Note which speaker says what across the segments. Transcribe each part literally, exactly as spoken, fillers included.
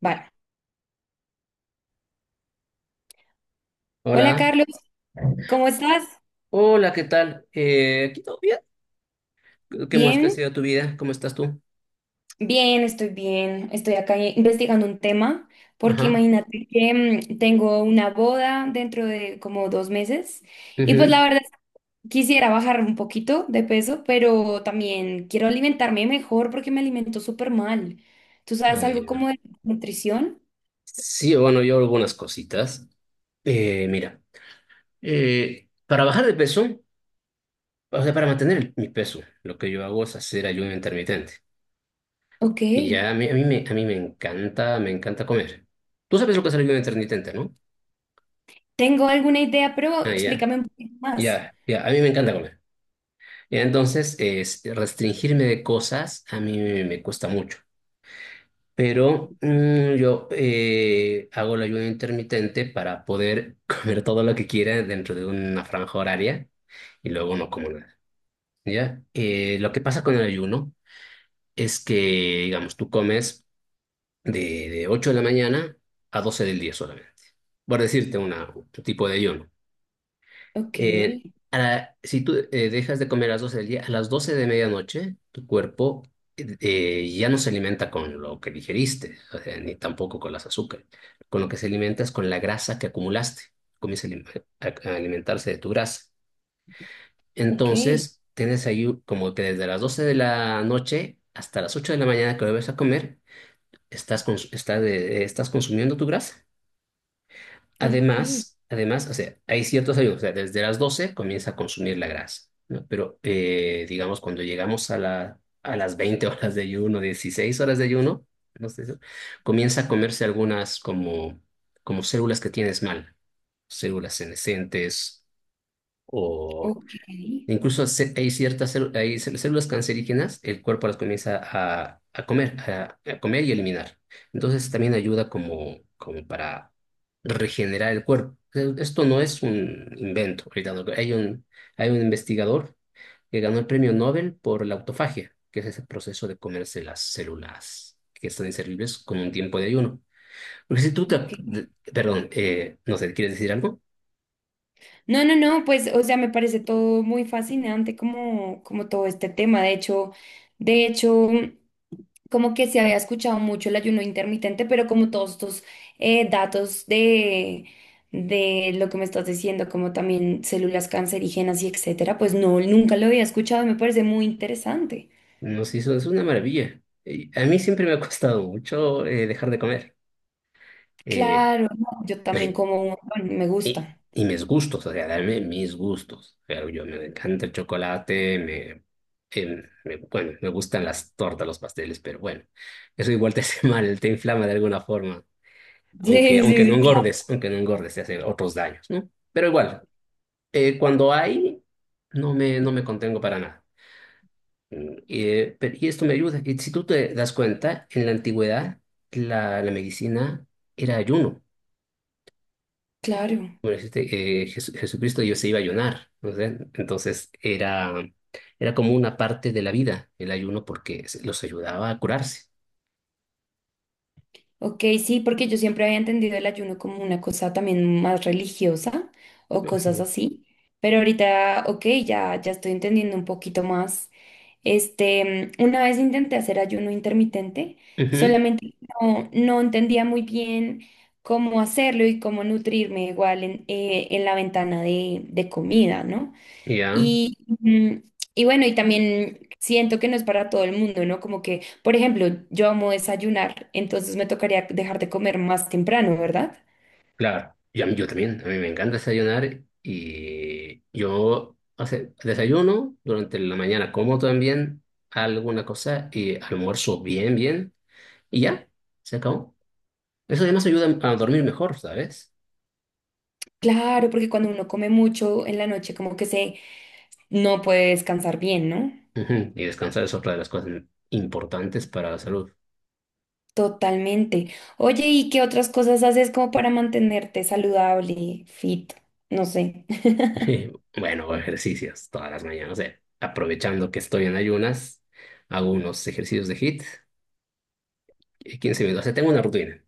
Speaker 1: Vale. Hola
Speaker 2: Hola.
Speaker 1: Carlos, ¿cómo estás?
Speaker 2: Hola, ¿qué tal? Eh, ¿aquí todo bien? ¿Cómo es que ha
Speaker 1: Bien,
Speaker 2: sido tu vida? ¿Cómo estás tú?
Speaker 1: bien, estoy bien. Estoy acá investigando un tema porque
Speaker 2: Ajá.
Speaker 1: imagínate que mm, tengo una boda dentro de como dos meses y pues
Speaker 2: Ujú.
Speaker 1: la verdad es que quisiera bajar un poquito de peso, pero también quiero alimentarme mejor porque me alimento súper mal. ¿Tú sabes algo
Speaker 2: Ay, no.
Speaker 1: como de nutrición?
Speaker 2: Sí, bueno, yo algunas cositas. Eh, mira, eh, para bajar de peso, o sea, para mantener el- mi peso, lo que yo hago es hacer ayuno intermitente.
Speaker 1: Ok,
Speaker 2: Y ya a mí, a mí me, a mí me encanta, me encanta comer. Tú sabes lo que es el ayuno intermitente, ¿no?
Speaker 1: tengo alguna idea, pero
Speaker 2: Ah, ya,
Speaker 1: explícame un poquito más.
Speaker 2: ya, ya, a mí me encanta comer. Y entonces, es, restringirme de cosas a mí me me cuesta mucho. Pero mm, yo eh, hago el ayuno intermitente para poder comer todo lo que quiera dentro de una franja horaria y luego no como nada. ¿Ya? Eh, lo que pasa con el ayuno es que, digamos, tú comes de, de ocho de la mañana a doce del día solamente, por decirte una, un tipo de ayuno.
Speaker 1: Ok,
Speaker 2: Eh, a la- si tú eh, dejas de comer a las doce del día, a las doce de medianoche, tu cuerpo eh, eh, ya no se alimenta con lo que digeriste, o sea, ni tampoco con las azúcares. Con lo que se alimenta es con la grasa que acumulaste. Comienza a alim- a- a alimentarse de tu grasa.
Speaker 1: ok,
Speaker 2: Entonces, tienes ahí u- como que desde las doce de la noche hasta las ocho de la mañana que vuelves a comer, estás, cons- estás, eh, estás consumiendo tu grasa.
Speaker 1: ok,
Speaker 2: Además, además, o sea, hay ciertos ayunos, o sea, desde las doce comienza a consumir la grasa, ¿no? Pero, eh, digamos, cuando llegamos a la, a las veinte horas de ayuno, dieciséis horas de ayuno, no sé, ¿no? Comienza a comerse algunas como, como células que tienes mal, células senescentes o...
Speaker 1: ok,
Speaker 2: Incluso ce- hay ciertas célu- hay cel- células cancerígenas, el cuerpo las comienza a, a comer, a, a comer y eliminar. Entonces también ayuda como, como para regenerar el cuerpo. Eh, Esto no es un invento. Ahorita no- Hay un, hay un investigador que ganó el premio Nobel por la autofagia, que es ese proceso de comerse las células que están inservibles con un tiempo de ayuno. Porque si tú te,
Speaker 1: ok.
Speaker 2: de- perdón, eh, no sé, ¿quieres decir algo?
Speaker 1: No, no, no, pues, o sea, me parece todo muy fascinante como, como todo este tema. De hecho, de hecho, como que se había escuchado mucho el ayuno intermitente, pero como todos estos eh, datos de, de lo que me estás diciendo, como también células cancerígenas y etcétera, pues no, nunca lo había escuchado y me parece muy interesante.
Speaker 2: Nos hizo, es una maravilla. Y a mí siempre me ha costado mucho eh, dejar de comer. Eh,
Speaker 1: Claro, no, yo también
Speaker 2: me-
Speaker 1: como un montón, me gusta.
Speaker 2: y mis gustos, o sea, darme mis gustos. Pero yo me encanta el chocolate, me, em, me- bueno, me gustan las tortas, los pasteles, pero bueno, eso igual te hace mal, te inflama de alguna forma.
Speaker 1: Sí,
Speaker 2: Aunque, aunque
Speaker 1: sí,
Speaker 2: no
Speaker 1: sí, claro,
Speaker 2: engordes, aunque no engordes, te hace otros daños, ¿no? Pero igual, eh, cuando hay, no me, no me contengo para nada. Mm, Eh, pero- y esto me ayuda, que si tú te das cuenta, en la antigüedad la, la medicina era ayuno.
Speaker 1: claro.
Speaker 2: Bueno, este, eh, Jesu- Jesucristo yo se iba a ayunar, ¿no sé? Entonces era, era como una parte de la vida el ayuno porque se- los ayudaba a curarse.
Speaker 1: Ok, sí, porque yo siempre había entendido el ayuno como una cosa también más religiosa o cosas
Speaker 2: Ujú.
Speaker 1: así, pero ahorita, ok, ya, ya estoy entendiendo un poquito más. Este, mm, una vez intenté hacer ayuno intermitente,
Speaker 2: Ujú.
Speaker 1: solamente no, no entendía muy bien cómo hacerlo y cómo nutrirme igual en, eh, en la ventana de, de comida, ¿no?
Speaker 2: Ya,
Speaker 1: Y, mm, y bueno, y también siento que no es para todo el mundo, ¿no? Como que, por ejemplo, yo amo desayunar, entonces me tocaría dejar de comer más temprano, ¿verdad?
Speaker 2: claro. Y a mí- yo también, a mí me encanta desayunar y yo, o sea, desayuno durante la mañana, como también alguna cosa y almuerzo bien, bien. Y ya, se acabó. Eso además ayuda a dormir mejor, ¿sabes?
Speaker 1: Claro, porque cuando uno come mucho en la noche, como que se no puede descansar bien, ¿no?
Speaker 2: Ujú. Y descansar es otra de las cosas importantes para la salud.
Speaker 1: Totalmente. Oye, ¿y qué otras cosas haces como para mantenerte saludable, fit? No sé.
Speaker 2: Bueno, hago ejercicios todas las mañanas. eh. Aprovechando que estoy en ayunas, hago unos ejercicios de HIIT, eh, quince minutos. O sea, tengo una rutina.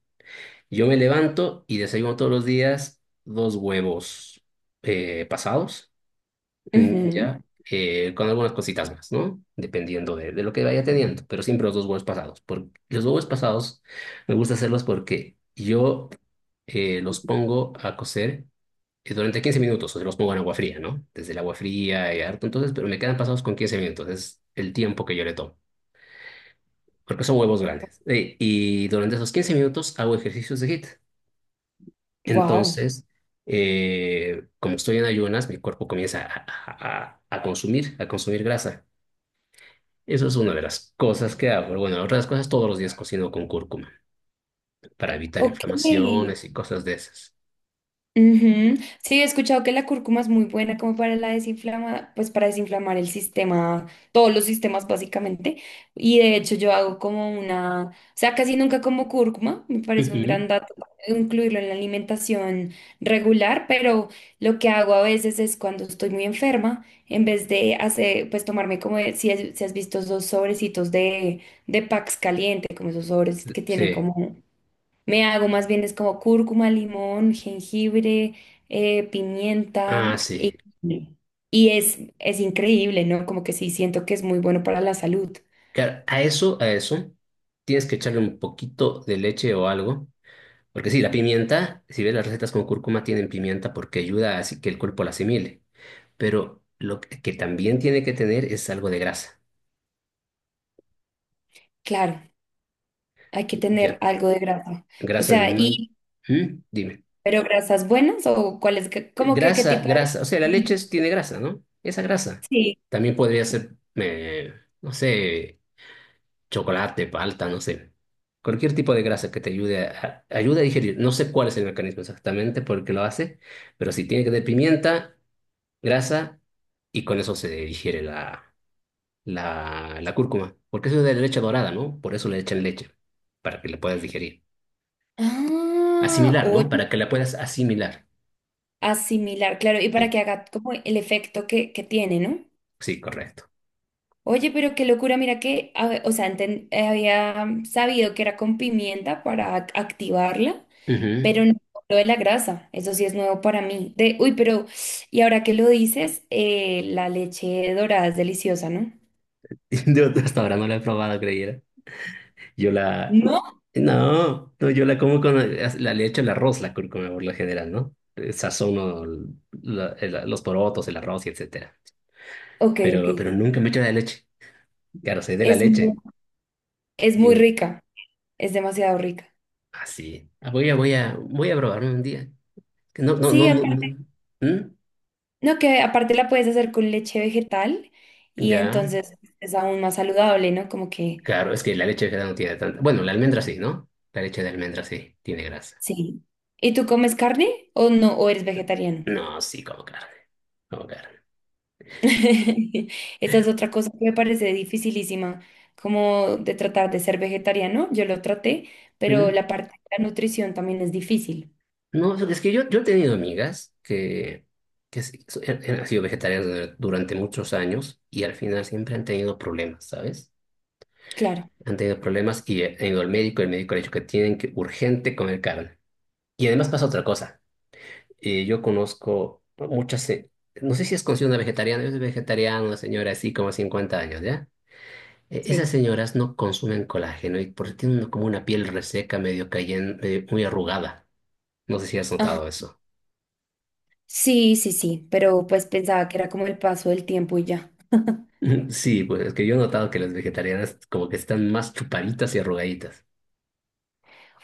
Speaker 2: Yo me levanto y desayuno todos los días dos huevos eh, pasados. Mm, Ya, eh, con algunas cositas más, ¿no? Dependiendo de, de lo que vaya teniendo, pero siempre los dos huevos pasados. Por los huevos pasados me gusta hacerlos porque yo eh, los pongo a cocer eh, durante quince minutos, o sea, los pongo en agua fría, ¿no? Desde el agua fría y harto, entonces, pero me quedan pasados con quince minutos, es el tiempo que yo le tomo, porque son huevos grandes. Eh, y durante esos quince minutos hago ejercicios de HIIT.
Speaker 1: Wow.
Speaker 2: Entonces eh, como estoy en ayunas, mi cuerpo comienza a, a- a- a consumir, a consumir grasa. Eso es una de las cosas que hago. Bueno, la otra de las cosas, todos los días cocino con cúrcuma para evitar
Speaker 1: Ok.
Speaker 2: inflamaciones y cosas de esas.
Speaker 1: Ujú. Sí, he escuchado que la cúrcuma es muy buena como para la desinflama, pues para desinflamar el sistema, todos los sistemas básicamente. Y de hecho yo hago como una, o sea, casi nunca como cúrcuma, me parece un
Speaker 2: Ujú.
Speaker 1: gran dato incluirlo en la alimentación regular, pero lo que hago a veces es cuando estoy muy enferma, en vez de hacer, pues tomarme como, el- si, has si has visto esos sobrecitos de, de Pax caliente, como esos sobres que tienen
Speaker 2: Sí.
Speaker 1: como me hago más bien es como cúrcuma, limón, jengibre, eh, pimienta
Speaker 2: Ah,
Speaker 1: y,
Speaker 2: sí.
Speaker 1: sí. Y es, es increíble, ¿no? Como que sí siento que es muy bueno para la salud.
Speaker 2: Claro, a eso, a eso, tienes que echarle un poquito de leche o algo. Porque sí, la pimienta, si ves las recetas con cúrcuma, tienen pimienta porque ayuda a así que el cuerpo la asimile. Pero lo que que también tiene que tener es algo de grasa.
Speaker 1: Claro, hay que tener
Speaker 2: Ya.
Speaker 1: algo de grasa. O
Speaker 2: Grasa
Speaker 1: sea,
Speaker 2: animal.
Speaker 1: y,
Speaker 2: ¿Mm? Dime.
Speaker 1: ¿pero grasas buenas o cuáles, que- como que qué
Speaker 2: Grasa,
Speaker 1: tipo de
Speaker 2: grasa, o sea, la
Speaker 1: grasa?
Speaker 2: leche es- tiene grasa, ¿no? Esa grasa.
Speaker 1: Sí.
Speaker 2: También podría ser, eh, no sé, chocolate, palta, no sé. Cualquier tipo de grasa que te ayude a, a- ayude a digerir. No sé cuál es el mecanismo exactamente por qué lo hace, pero sí tiene que tener pimienta, grasa, y con eso se digiere la, la, la cúrcuma. Porque eso es de leche dorada, ¿no? Por eso le echan leche, para que la puedas digerir.
Speaker 1: Ah,
Speaker 2: Asimilar, ¿no?
Speaker 1: oye,
Speaker 2: Para que la puedas asimilar.
Speaker 1: asimilar, claro, y para
Speaker 2: Sí,
Speaker 1: que haga como el efecto que, que tiene, ¿no?
Speaker 2: sí, correcto.
Speaker 1: Oye, pero qué locura, mira que, a- o sea, enten- había sabido que era con pimienta para ac- activarla,
Speaker 2: Ujú.
Speaker 1: pero no lo de la grasa, eso sí es nuevo para mí. De, uy, pero, y ahora que lo dices, eh, la leche dorada es deliciosa, ¿no?
Speaker 2: Yo hasta ahora no la he probado, creyera. Yo la...
Speaker 1: ¿No?
Speaker 2: No, no, yo la como con... La, le echo el arroz, la cúrcuma por lo general, ¿no? Eh, sazono la- el- los porotos, el arroz y etcétera.
Speaker 1: Ok, ok.
Speaker 2: Pero, pero nunca me echo la leche. Claro, soy de la
Speaker 1: Es muy,
Speaker 2: leche.
Speaker 1: es muy
Speaker 2: Dime.
Speaker 1: rica, es demasiado rica.
Speaker 2: Así. voy a, voy a, voy a probarlo un día. Que no, no, no,
Speaker 1: Sí,
Speaker 2: no,
Speaker 1: aparte,
Speaker 2: no. ¿Mm?
Speaker 1: no, que aparte la puedes hacer con leche vegetal y
Speaker 2: Ya.
Speaker 1: entonces es aún más saludable, ¿no? Como que,
Speaker 2: Claro, es que la leche de cebada no tiene tanta... Bueno, la almendra sí, ¿no? La leche de almendra sí, tiene grasa.
Speaker 1: sí. ¿Y tú comes carne o no, o eres vegetariano?
Speaker 2: No, sí, como carne. Como carne.
Speaker 1: Esa es otra cosa que me parece dificilísima, como de tratar de ser vegetariano. Yo lo traté, pero
Speaker 2: ¿Mm?
Speaker 1: la parte de la nutrición también es difícil.
Speaker 2: No, es que yo, yo he tenido amigas que, que s- so- han han sido vegetarianas dur- durante muchos años y al final siempre han tenido problemas, ¿sabes?
Speaker 1: Claro.
Speaker 2: Han tenido problemas y han ido al médico, el médico le ha dicho que tienen que urgente comer carne. Y además pasa otra cosa. Eh, yo conozco muchas, se- no sé si es considerada una vegetariana, es vegetariana, una señora así como cincuenta años, ¿ya? Eh, esas
Speaker 1: Sí.
Speaker 2: señoras no consumen colágeno y por eso tienen como una piel reseca, medio cayendo, muy arrugada. No sé si has
Speaker 1: Ajá.
Speaker 2: notado eso.
Speaker 1: Sí, sí, sí, pero pues pensaba que era como el paso del tiempo y ya.
Speaker 2: Sí, pues es que yo he notado que las vegetarianas como que están más chupaditas y arrugaditas.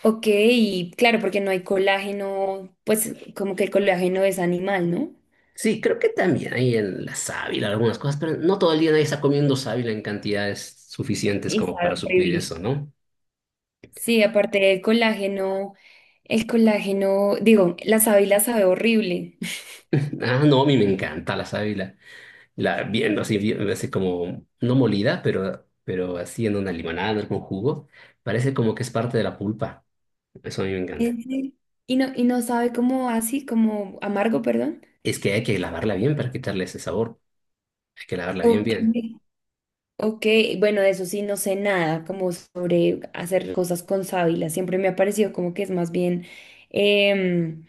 Speaker 1: Ok, y claro, porque no hay colágeno, pues como que el colágeno es animal, ¿no?
Speaker 2: Sí, creo que también hay en la sábila algunas cosas, pero no todo el día nadie está comiendo sábila en cantidades suficientes
Speaker 1: Y
Speaker 2: como
Speaker 1: sabe
Speaker 2: para suplir
Speaker 1: horrible.
Speaker 2: eso, ¿no?
Speaker 1: Sí, aparte del colágeno, el colágeno, digo, la sábila sabe horrible.
Speaker 2: Ah, no, a mí me encanta la sábila. La viendo así, bien- así como, no molida, pero, pero así en una limonada, en un jugo, parece como que es parte de la pulpa. Eso a mí me encanta.
Speaker 1: Ese- Y no, y no sabe como así, como amargo, perdón.
Speaker 2: Es que hay que lavarla bien para quitarle ese sabor. Hay que lavarla bien,
Speaker 1: Ok,
Speaker 2: bien.
Speaker 1: ok, bueno, de eso sí no sé nada, como sobre hacer cosas con sábila. Siempre me ha parecido como que es más bien, em,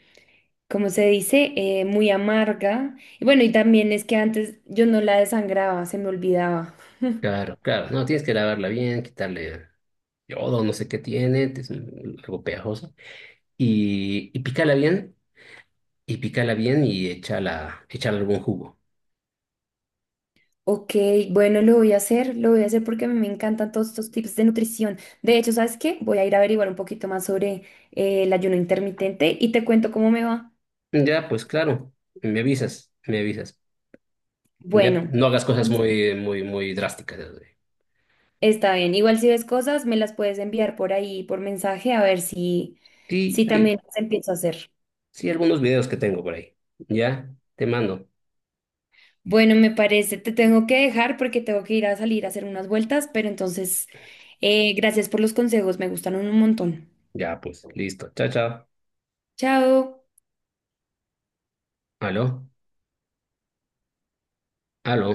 Speaker 1: ¿cómo se dice? Eh, muy amarga. Y bueno, y también es que antes yo no la desangraba, se me olvidaba.
Speaker 2: Claro, claro. No, tienes que lavarla bien, quitarle yodo, no sé qué tiene, es un- algo pegajoso. Y, y pícala bien, y pícala bien y échala, échala algún jugo.
Speaker 1: Ok, bueno, lo voy a hacer, lo voy a hacer porque a mí me encantan todos estos tips de nutrición. De hecho, ¿sabes qué? Voy a ir a averiguar un poquito más sobre eh, el ayuno intermitente y te cuento cómo me va.
Speaker 2: Ya, pues claro, me avisas, me avisas. Ya,
Speaker 1: Bueno,
Speaker 2: no hagas cosas
Speaker 1: entonces,
Speaker 2: muy, muy, muy drásticas. Ya.
Speaker 1: está bien. Igual si ves cosas, me las puedes enviar por ahí, por mensaje, a ver si,
Speaker 2: Sí,
Speaker 1: si
Speaker 2: sí,
Speaker 1: también las empiezo a hacer.
Speaker 2: sí, algunos videos que tengo por ahí. Ya, te mando.
Speaker 1: Bueno, me parece, te tengo que dejar porque tengo que ir a salir a hacer unas vueltas, pero entonces, eh, gracias por los consejos, me gustaron un montón.
Speaker 2: Ya, pues, listo. Chao, chao.
Speaker 1: Chao.
Speaker 2: Aló, aló.